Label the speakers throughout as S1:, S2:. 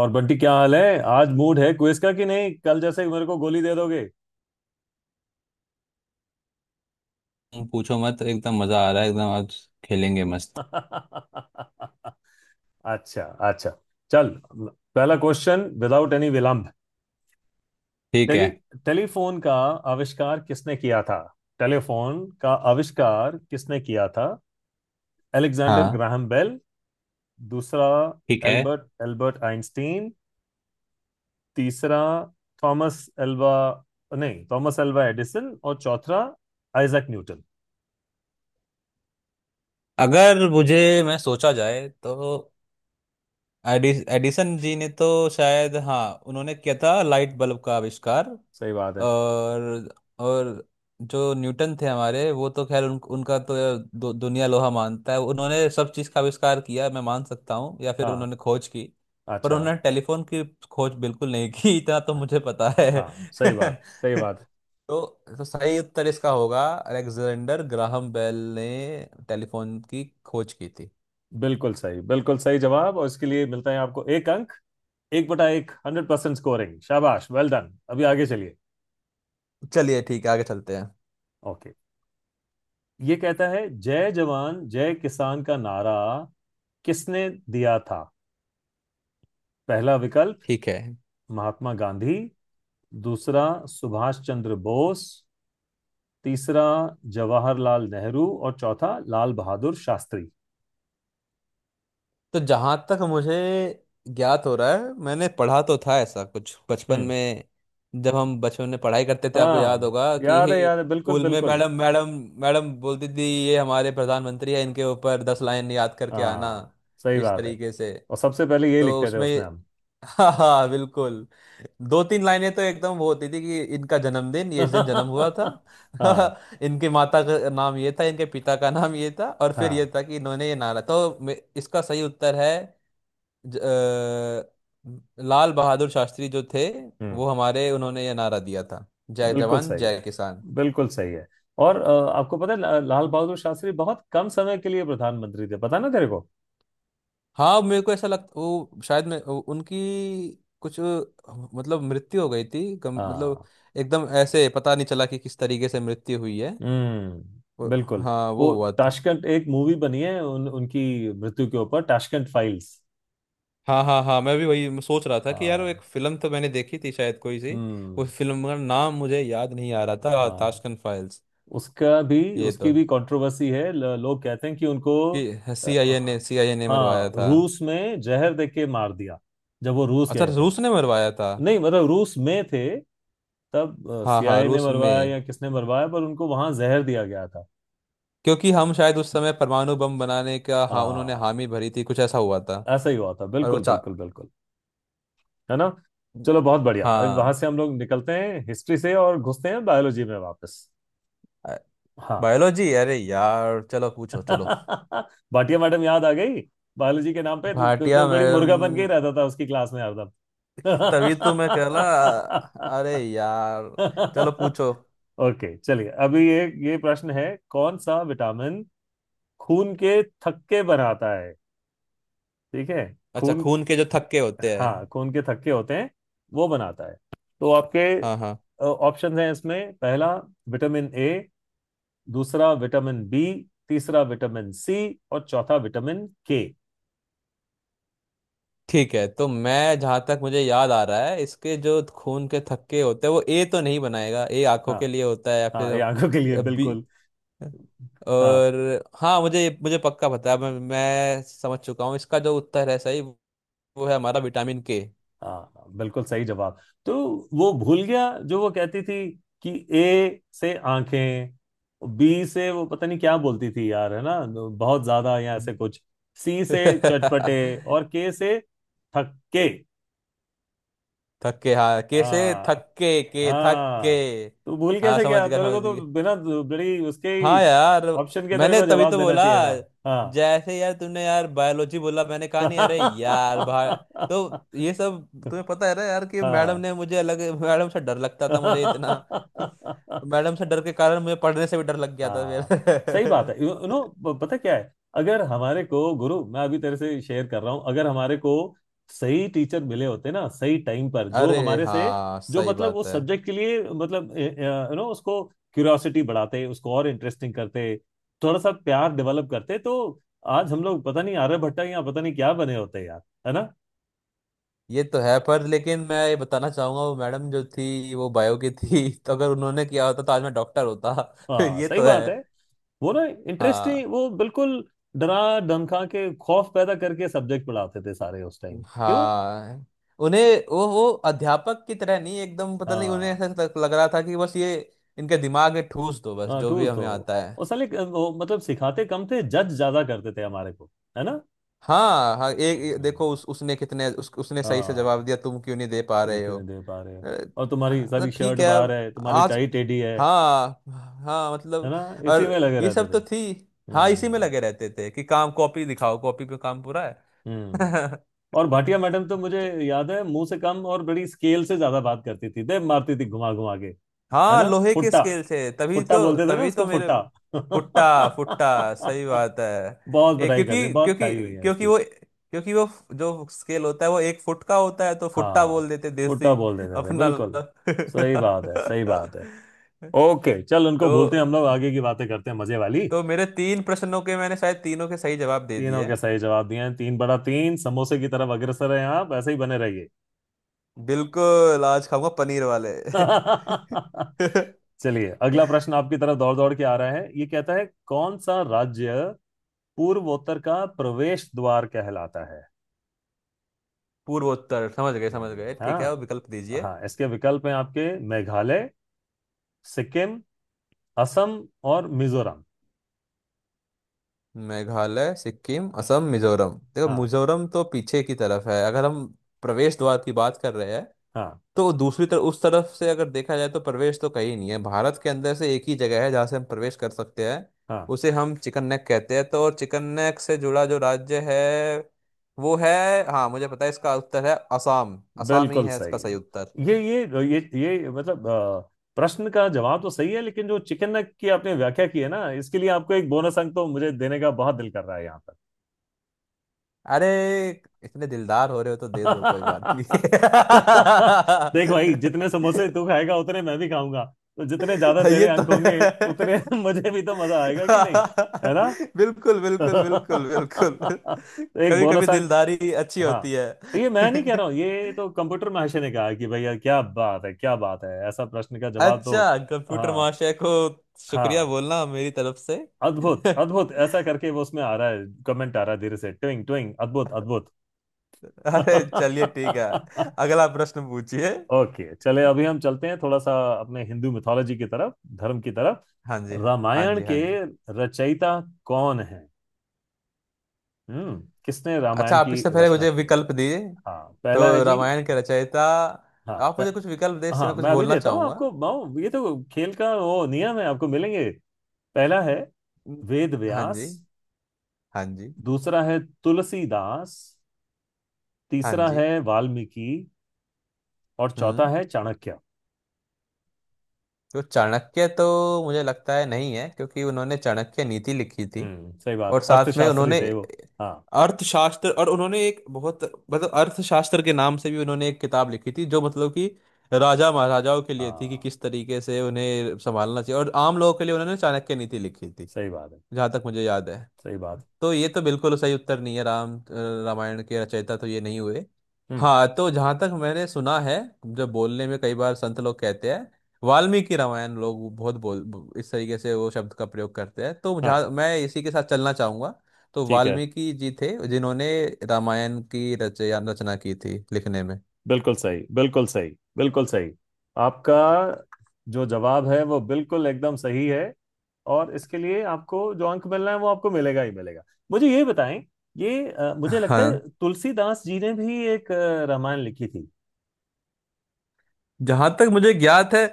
S1: और बंटी क्या हाल है? आज मूड है क्विज का कि नहीं? कल जैसे ही मेरे को गोली दे दोगे।
S2: तुम पूछो मत, एकदम मजा आ रहा है, एकदम आज खेलेंगे मस्त।
S1: अच्छा। अच्छा। चल, पहला क्वेश्चन विदाउट एनी विलंब।
S2: ठीक
S1: टेली
S2: है।
S1: टेलीफोन का आविष्कार किसने किया था? टेलीफोन का आविष्कार किसने किया था? अलेक्जेंडर
S2: हाँ।
S1: Graham Bell. दूसरा,
S2: ठीक है।
S1: Albert Albert Einstein. तीसरा, थॉमस एल्वा नहीं, थॉमस एल्वा एडिसन। और चौथा, आइजैक न्यूटन।
S2: अगर मुझे मैं सोचा जाए तो एडिसन जी ने तो शायद, हाँ, उन्होंने किया था लाइट बल्ब का आविष्कार।
S1: सही बात है।
S2: और और जो न्यूटन थे हमारे, वो तो खैर उनका तो दुनिया लोहा मानता है। उन्होंने सब चीज़ का आविष्कार किया, मैं मान सकता हूँ, या फिर
S1: हाँ।
S2: उन्होंने खोज की। पर
S1: अच्छा।
S2: उन्होंने टेलीफोन की खोज बिल्कुल नहीं की, इतना तो मुझे पता है।
S1: हाँ, सही बात, सही बात है।
S2: तो तो सही उत्तर इसका होगा, अलेक्जेंडर ग्राहम बेल ने टेलीफोन की खोज की थी।
S1: बिल्कुल सही, बिल्कुल सही जवाब। और इसके लिए मिलता है आपको 1 अंक। 1/1 100% स्कोरिंग, शाबाश, वेल डन। अभी आगे चलिए।
S2: चलिए, ठीक है, आगे चलते हैं।
S1: ओके। ये कहता है जय जवान जय किसान का नारा किसने दिया था? पहला विकल्प,
S2: ठीक है।
S1: महात्मा गांधी। दूसरा, सुभाष चंद्र बोस। तीसरा, जवाहरलाल नेहरू। और चौथा, लाल बहादुर शास्त्री।
S2: तो जहां तक मुझे ज्ञात हो रहा है, मैंने पढ़ा तो था ऐसा कुछ बचपन
S1: हम्म।
S2: में। जब हम बचपन में पढ़ाई करते थे, आपको
S1: हाँ,
S2: याद होगा कि
S1: याद है, याद है, बिल्कुल
S2: स्कूल में
S1: बिल्कुल।
S2: मैडम मैडम मैडम बोलती थी, ये हमारे प्रधानमंत्री है, इनके ऊपर 10 लाइन याद करके आना,
S1: हाँ, सही
S2: इस
S1: बात है।
S2: तरीके से।
S1: और सबसे पहले यही
S2: तो
S1: लिखते थे
S2: उसमें
S1: उसमें हम।
S2: हाँ, हाँ, बिल्कुल, दो तीन लाइनें तो एकदम वो होती थी कि इनका जन्मदिन, ये इस दिन जन्म हुआ था।
S1: हाँ।
S2: इनकी माता का नाम ये था, इनके पिता का नाम ये था, और फिर ये
S1: हाँ।
S2: था कि इन्होंने ये नारा तो इसका सही उत्तर है, लाल बहादुर शास्त्री जो थे,
S1: हम्म,
S2: वो हमारे, उन्होंने ये नारा दिया था, जय
S1: बिल्कुल
S2: जवान
S1: सही
S2: जय
S1: है,
S2: किसान।
S1: बिल्कुल सही है। और आपको पता है लाल बहादुर शास्त्री बहुत कम समय के लिए प्रधानमंत्री थे, पता ना तेरे को?
S2: हाँ मेरे को ऐसा लगता, वो शायद मैं उनकी कुछ मतलब मृत्यु हो गई थी, मतलब
S1: हाँ।
S2: एकदम ऐसे पता नहीं चला कि किस तरीके से मृत्यु हुई है।
S1: हम्म,
S2: वो,
S1: बिल्कुल।
S2: हाँ वो
S1: वो
S2: हुआ था।
S1: ताशकंद, एक मूवी बनी है उनकी मृत्यु के ऊपर, ताशकंद फाइल्स।
S2: हाँ, हाँ, हाँ, मैं भी वही सोच रहा था कि यार वो एक
S1: हाँ।
S2: फिल्म तो मैंने देखी थी शायद, कोई सी
S1: हम्म।
S2: उस फिल्म का नाम मुझे याद नहीं आ रहा था,
S1: हाँ,
S2: ताशकंद फाइल्स।
S1: उसका भी,
S2: ये तो,
S1: उसकी भी कंट्रोवर्सी है, लोग कहते हैं कि उनको
S2: कि
S1: अ,
S2: सी आई ए ने मरवाया
S1: हाँ,
S2: था।
S1: रूस में जहर दे के मार दिया। जब वो रूस
S2: अच्छा,
S1: गए थे।
S2: रूस ने मरवाया था।
S1: नहीं, मतलब रूस में थे तब
S2: हाँ, हाँ,
S1: सीआईए ने
S2: रूस
S1: मरवाया
S2: में,
S1: या किसने मरवाया, पर उनको वहां जहर दिया गया था।
S2: क्योंकि हम शायद उस समय परमाणु बम बनाने का, हाँ, उन्होंने
S1: हाँ,
S2: हामी भरी थी, कुछ ऐसा हुआ था।
S1: ऐसा ही हुआ था,
S2: और वो
S1: बिल्कुल
S2: चा
S1: बिल्कुल बिल्कुल। है ना? चलो, बहुत बढ़िया, अभी वहां
S2: हाँ।
S1: से हम लोग निकलते हैं हिस्ट्री से और घुसते हैं बायोलॉजी में वापस। हाँ।
S2: बायोलॉजी, अरे यार चलो पूछो चलो।
S1: भाटिया मैडम याद आ गई। बायोलॉजी के नाम पे तू तू तो
S2: भाटिया
S1: बड़ी
S2: मैडम,
S1: मुर्गा बन के ही रहता था उसकी क्लास में हरदम।
S2: कि तभी तो मैं कह रहा, अरे यार, चलो पूछो।
S1: ओके, चलिए अभी ये प्रश्न है कौन सा विटामिन खून के थक्के बनाता है? ठीक है।
S2: अच्छा,
S1: खून,
S2: खून के जो थक्के होते हैं।
S1: हाँ, खून के थक्के होते हैं वो बनाता है। तो आपके
S2: हाँ, हाँ।
S1: ऑप्शन हैं इसमें, पहला विटामिन ए, दूसरा विटामिन बी, तीसरा विटामिन सी, और चौथा विटामिन के।
S2: ठीक है, तो मैं जहाँ तक मुझे याद आ रहा है, इसके जो खून के थक्के होते हैं, वो ए तो नहीं बनाएगा, ए आंखों
S1: हाँ।
S2: के लिए होता है, या
S1: हाँ, ये आंखों के लिए,
S2: फिर बी,
S1: बिल्कुल। हाँ,
S2: और हाँ, मुझे मुझे पक्का पता है, मैं समझ चुका हूँ इसका जो उत्तर है सही, वो है हमारा विटामिन के।
S1: हाँ, हाँ, बिल्कुल सही जवाब। तो वो भूल गया जो वो कहती थी कि ए से आंखें, बी से, वो पता नहीं क्या बोलती थी यार, है ना, बहुत ज्यादा या ऐसे कुछ, सी से चटपटे, और के से थक्के।
S2: थक्के, हाँ, कैसे
S1: हाँ।
S2: थक्के, के थक्के।
S1: हाँ। तो भूल
S2: हाँ,
S1: कैसे
S2: समझ
S1: गया
S2: गया,
S1: तेरे
S2: समझ
S1: को? तो
S2: गया।
S1: बिना बड़ी उसके
S2: हाँ
S1: ही
S2: यार,
S1: ऑप्शन के तेरे
S2: मैंने
S1: को
S2: तभी
S1: जवाब
S2: तो
S1: देना
S2: बोला,
S1: चाहिए था। हाँ।
S2: जैसे यार तुमने यार बायोलॉजी बोला, मैंने कहा नहीं अरे यार भाई। तो ये सब तुम्हें पता है ना यार, कि मैडम
S1: हाँ।
S2: ने मुझे अलग, मैडम से डर लगता था मुझे इतना।
S1: हाँ,
S2: मैडम से डर के कारण मुझे पढ़ने से भी डर लग गया था
S1: सही बात
S2: फिर।
S1: है। यू नो, पता क्या है, अगर हमारे को गुरु, मैं अभी तेरे से शेयर कर रहा हूं, अगर हमारे को सही टीचर मिले होते ना सही टाइम पर, जो
S2: अरे
S1: हमारे से
S2: हाँ,
S1: जो
S2: सही
S1: मतलब
S2: बात
S1: उस
S2: है।
S1: सब्जेक्ट के लिए, मतलब, यू नो, उसको क्यूरियोसिटी बढ़ाते, उसको और इंटरेस्टिंग करते, थोड़ा सा प्यार डेवलप करते, तो आज हम लोग पता नहीं आर्यभट्ट या पता नहीं क्या बने होते यार। है ना?
S2: ये तो है, पर लेकिन मैं ये बताना चाहूंगा, वो मैडम जो थी वो बायो की थी। तो अगर उन्होंने किया होता, तो आज मैं डॉक्टर होता।
S1: हाँ,
S2: ये
S1: सही
S2: तो है।
S1: बात है। वो ना
S2: हाँ।
S1: इंटरेस्टिंग, वो बिल्कुल डरा धमका के, खौफ पैदा करके सब्जेक्ट पढ़ाते थे सारे उस टाइम, क्यों?
S2: हाँ उन्हें, वो अध्यापक की तरह नहीं, एकदम पता नहीं, उन्हें
S1: हाँ।
S2: ऐसा लग लग रहा था कि बस ये, इनके दिमाग में ठूस दो, बस
S1: हाँ,
S2: जो भी
S1: टूल्स तो।
S2: हमें आता है।
S1: और साले वो मतलब सिखाते कम थे, जज ज्यादा करते थे हमारे को। है ना?
S2: हाँ, हाँ, एक एक-
S1: हम्म,
S2: देखो उस उसने कितने, उसने सही से
S1: हाँ,
S2: जवाब दिया, तुम क्यों नहीं दे पा
S1: तुम
S2: रहे
S1: क्यों
S2: हो।
S1: नहीं दे पा रहे हो?
S2: अरे,
S1: और तुम्हारी सारी
S2: मतलब ठीक
S1: शर्ट
S2: है
S1: बाहर
S2: अब
S1: है, तुम्हारी
S2: आज,
S1: टाई टेढ़ी है।
S2: हाँ, हाँ
S1: है
S2: मतलब,
S1: ना? इसी
S2: और
S1: में लगे
S2: ये
S1: रहते
S2: सब तो
S1: थे।
S2: थी। हाँ, इसी में
S1: हम्म
S2: लगे रहते थे कि काम, कॉपी दिखाओ, कॉपी पे काम पूरा है।
S1: हम्म और भाटिया मैडम तो मुझे याद है मुंह से कम और बड़ी स्केल से ज्यादा बात करती थी, दे मारती थी घुमा घुमा के। है
S2: हाँ
S1: ना?
S2: लोहे के
S1: फुट्टा,
S2: स्केल से, तभी
S1: फुट्टा
S2: तो
S1: बोलते थे ना
S2: तभी
S1: उसको,
S2: तो मेरे,
S1: फुट्टा।
S2: फुट्टा, फुट्टा, सही बात है।
S1: बहुत
S2: ये
S1: पिटाई करती,
S2: क्योंकि
S1: बहुत
S2: क्योंकि
S1: खाई हुई है
S2: क्योंकि
S1: इसकी।
S2: वो क्योंकि वो जो स्केल होता है वो 1 फुट का होता है, तो फुट्टा
S1: हाँ,
S2: बोल देते
S1: फुट्टा
S2: देसी
S1: बोल देते थे,
S2: अपना।
S1: बिल्कुल। सही बात है, सही बात है। ओके, चल, उनको
S2: तो
S1: भूलते हैं हम लोग, आगे की बातें करते हैं मजे वाली।
S2: तो मेरे तीन प्रश्नों के मैंने शायद तीनों के सही जवाब दे
S1: तीनों
S2: दिए
S1: के
S2: हैं।
S1: सही जवाब दिए हैं, तीन बड़ा तीन समोसे की तरफ अग्रसर हैं, आप ऐसे ही बने रहिए।
S2: बिल्कुल, आज खाऊंगा पनीर वाले।
S1: चलिए अगला प्रश्न आपकी तरफ दौड़ दौड़ के आ रहा है, ये कहता है कौन सा राज्य पूर्वोत्तर का प्रवेश द्वार कहलाता है?
S2: पूर्वोत्तर, समझ गए, समझ गए, ठीक है,
S1: हाँ।
S2: और विकल्प दीजिए।
S1: हाँ, इसके विकल्प हैं आपके मेघालय, सिक्किम, असम, और मिजोरम।
S2: मेघालय, सिक्किम, असम, मिजोरम। देखो,
S1: हाँ।
S2: मिजोरम तो पीछे की तरफ है। अगर हम प्रवेश द्वार की बात कर रहे हैं,
S1: हाँ।
S2: तो दूसरी तरफ, उस तरफ से अगर देखा जाए तो प्रवेश तो कहीं नहीं है। भारत के अंदर से एक ही जगह है जहाँ से हम प्रवेश कर सकते हैं,
S1: हाँ,
S2: उसे हम चिकन नेक कहते हैं। तो और चिकन नेक से जुड़ा जो राज्य है, वो है, हाँ मुझे पता है, इसका उत्तर है असम। असम ही
S1: बिल्कुल
S2: है इसका
S1: सही।
S2: सही उत्तर।
S1: ये ये ये मतलब प्रश्न का जवाब तो सही है लेकिन जो चिकन नेक की आपने व्याख्या की है ना, इसके लिए आपको 1 बोनस अंक तो मुझे देने का बहुत दिल कर रहा है यहाँ पर।
S2: अरे, इतने दिलदार हो रहे हो तो दे दो, कोई बात नहीं।
S1: देख भाई, जितने समोसे तू खाएगा उतने मैं भी खाऊंगा। तो जितने ज्यादा
S2: ये
S1: तेरे
S2: तो
S1: अंक
S2: है।
S1: होंगे उतने मुझे भी तो मजा आएगा, कि नहीं? है ना?
S2: बिल्कुल, बिल्कुल, बिल्कुल, बिल्कुल।
S1: तो एक
S2: कभी कभी
S1: बोनस अंक
S2: दिलदारी अच्छी
S1: हाँ,
S2: होती है।
S1: ये मैं नहीं कह रहा हूँ, ये तो कंप्यूटर महाशय ने कहा कि भैया क्या बात है, क्या बात है, ऐसा प्रश्न का जवाब तो।
S2: अच्छा, कंप्यूटर
S1: हाँ।
S2: महाशय को शुक्रिया
S1: हाँ,
S2: बोलना मेरी तरफ से।
S1: अद्भुत अद्भुत, ऐसा करके वो उसमें आ रहा है कमेंट, आ रहा है धीरे से, ट्विंग ट्विंग, अद्भुत अद्भुत।
S2: अरे चलिए, ठीक है, अगला प्रश्न पूछिए।
S1: ओके, चले अभी हम चलते हैं थोड़ा सा अपने हिंदू मिथोलॉजी की तरफ, धर्म की तरफ।
S2: हाँ जी, हाँ। हाँ
S1: रामायण
S2: जी, हाँ
S1: के
S2: जी।
S1: रचयिता कौन है? किसने
S2: अच्छा,
S1: रामायण
S2: आप
S1: की
S2: इससे पहले
S1: रचना
S2: मुझे
S1: की है?
S2: विकल्प दिए,
S1: हाँ, पहला है
S2: तो
S1: जी,
S2: रामायण के रचयिता,
S1: हाँ
S2: आप
S1: मैं,
S2: मुझे कुछ विकल्प दे, इससे
S1: हाँ
S2: मैं कुछ
S1: मैं अभी
S2: बोलना
S1: देता हूँ
S2: चाहूंगा।
S1: आपको माओ, ये तो खेल का वो नियम है, आपको मिलेंगे। पहला है
S2: न-
S1: वेद
S2: हाँ
S1: व्यास,
S2: जी, हाँ जी,
S1: दूसरा है तुलसीदास,
S2: हाँ
S1: तीसरा
S2: जी।
S1: है वाल्मीकि, और चौथा
S2: हम्म।
S1: है चाणक्य।
S2: तो चाणक्य तो मुझे लगता है नहीं है, क्योंकि उन्होंने चाणक्य नीति लिखी थी,
S1: सही
S2: और
S1: बात,
S2: साथ में
S1: अर्थशास्त्री
S2: उन्होंने
S1: थे वो। हाँ।
S2: अर्थशास्त्र, और उन्होंने एक बहुत, मतलब अर्थशास्त्र के नाम से भी उन्होंने एक किताब लिखी थी, जो मतलब कि राजा महाराजाओं के लिए थी कि
S1: हाँ,
S2: किस तरीके से उन्हें संभालना चाहिए, और आम लोगों के लिए उन्होंने चाणक्य नीति लिखी थी,
S1: सही बात है।
S2: जहाँ तक मुझे याद है।
S1: सही बात।
S2: तो ये तो बिल्कुल सही उत्तर नहीं है, रामायण के रचयिता तो ये नहीं हुए।
S1: हम्म।
S2: हाँ, तो जहाँ तक मैंने सुना है, जो बोलने में कई बार संत लोग कहते हैं वाल्मीकि रामायण, लोग बहुत बोल इस तरीके से वो शब्द का प्रयोग करते हैं, तो
S1: हाँ।
S2: जहाँ मैं इसी के साथ चलना चाहूंगा। तो
S1: ठीक है।
S2: वाल्मीकि जी थे जिन्होंने रामायण की रचया रचना की थी, लिखने में।
S1: बिल्कुल सही, बिल्कुल सही, बिल्कुल सही। आपका जो जवाब है वो बिल्कुल एकदम सही है। और इसके लिए आपको जो अंक मिलना है वो आपको मिलेगा ही मिलेगा। मुझे ये बताएं, ये मुझे लगता है
S2: हाँ,
S1: तुलसीदास जी ने भी एक रामायण लिखी थी।
S2: जहां तक मुझे ज्ञात है,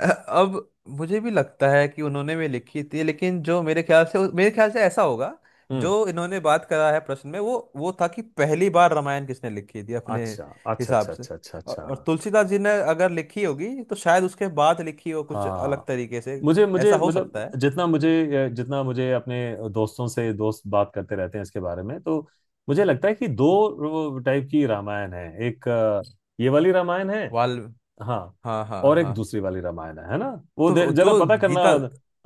S2: अब मुझे भी लगता है कि उन्होंने भी लिखी थी, लेकिन जो मेरे ख्याल से ऐसा होगा,
S1: हम्म।
S2: जो इन्होंने बात करा है प्रश्न में, वो था कि पहली बार रामायण किसने लिखी थी अपने
S1: अच्छा, अच्छा,
S2: हिसाब
S1: अच्छा,
S2: से।
S1: अच्छा, अच्छा,
S2: और
S1: अच्छा।
S2: और तुलसीदास जी ने अगर लिखी होगी तो शायद उसके बाद लिखी हो, कुछ अलग
S1: हाँ,
S2: तरीके से,
S1: मुझे,
S2: ऐसा
S1: मुझे
S2: हो सकता
S1: मतलब
S2: है।
S1: जितना मुझे जितना मुझे अपने दोस्तों से, दोस्त बात करते रहते हैं इसके बारे में, तो मुझे लगता है कि दो टाइप की रामायण है, एक ये वाली रामायण है।
S2: वाल
S1: हाँ।
S2: हाँ, हाँ,
S1: और एक
S2: हाँ।
S1: दूसरी वाली रामायण है ना? वो
S2: तो जो
S1: जरा पता करना।
S2: गीता,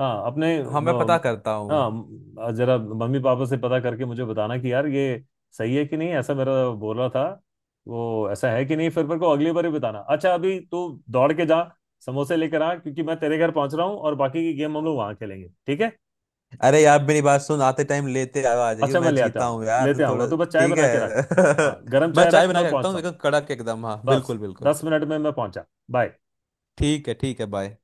S1: हाँ, अपने,
S2: हाँ मैं पता करता हूँ।
S1: हाँ, जरा मम्मी पापा से पता करके मुझे बताना कि यार ये सही है कि नहीं, ऐसा मेरा बोल रहा था। वो ऐसा है कि नहीं फिर मेरे को अगली बार ही बताना। अच्छा, अभी तू दौड़ के जा, समोसे लेकर आ क्योंकि मैं तेरे घर पहुंच रहा हूँ और बाकी की गेम हम लोग वहां खेलेंगे, ठीक है?
S2: अरे यार मेरी बात सुन, आते टाइम लेते आओ, आ जाइयो,
S1: अच्छा, मैं
S2: मैं
S1: ले आता
S2: जीता हूँ
S1: आऊंगा,
S2: यार तो
S1: लेते आऊंगा,
S2: थोड़ा।
S1: तू बस चाय
S2: ठीक
S1: बना के रख।
S2: है।
S1: हाँ, गर्म
S2: मैं
S1: चाय
S2: चाय
S1: रख,
S2: बना
S1: मैं
S2: के रखता
S1: पहुंचता
S2: हूँ
S1: हूँ।
S2: एकदम कड़क, एकदम, हाँ
S1: बस
S2: बिल्कुल, बिल्कुल।
S1: 10 मिनट में मैं पहुंचा। बाय।
S2: ठीक है, ठीक है, बाय।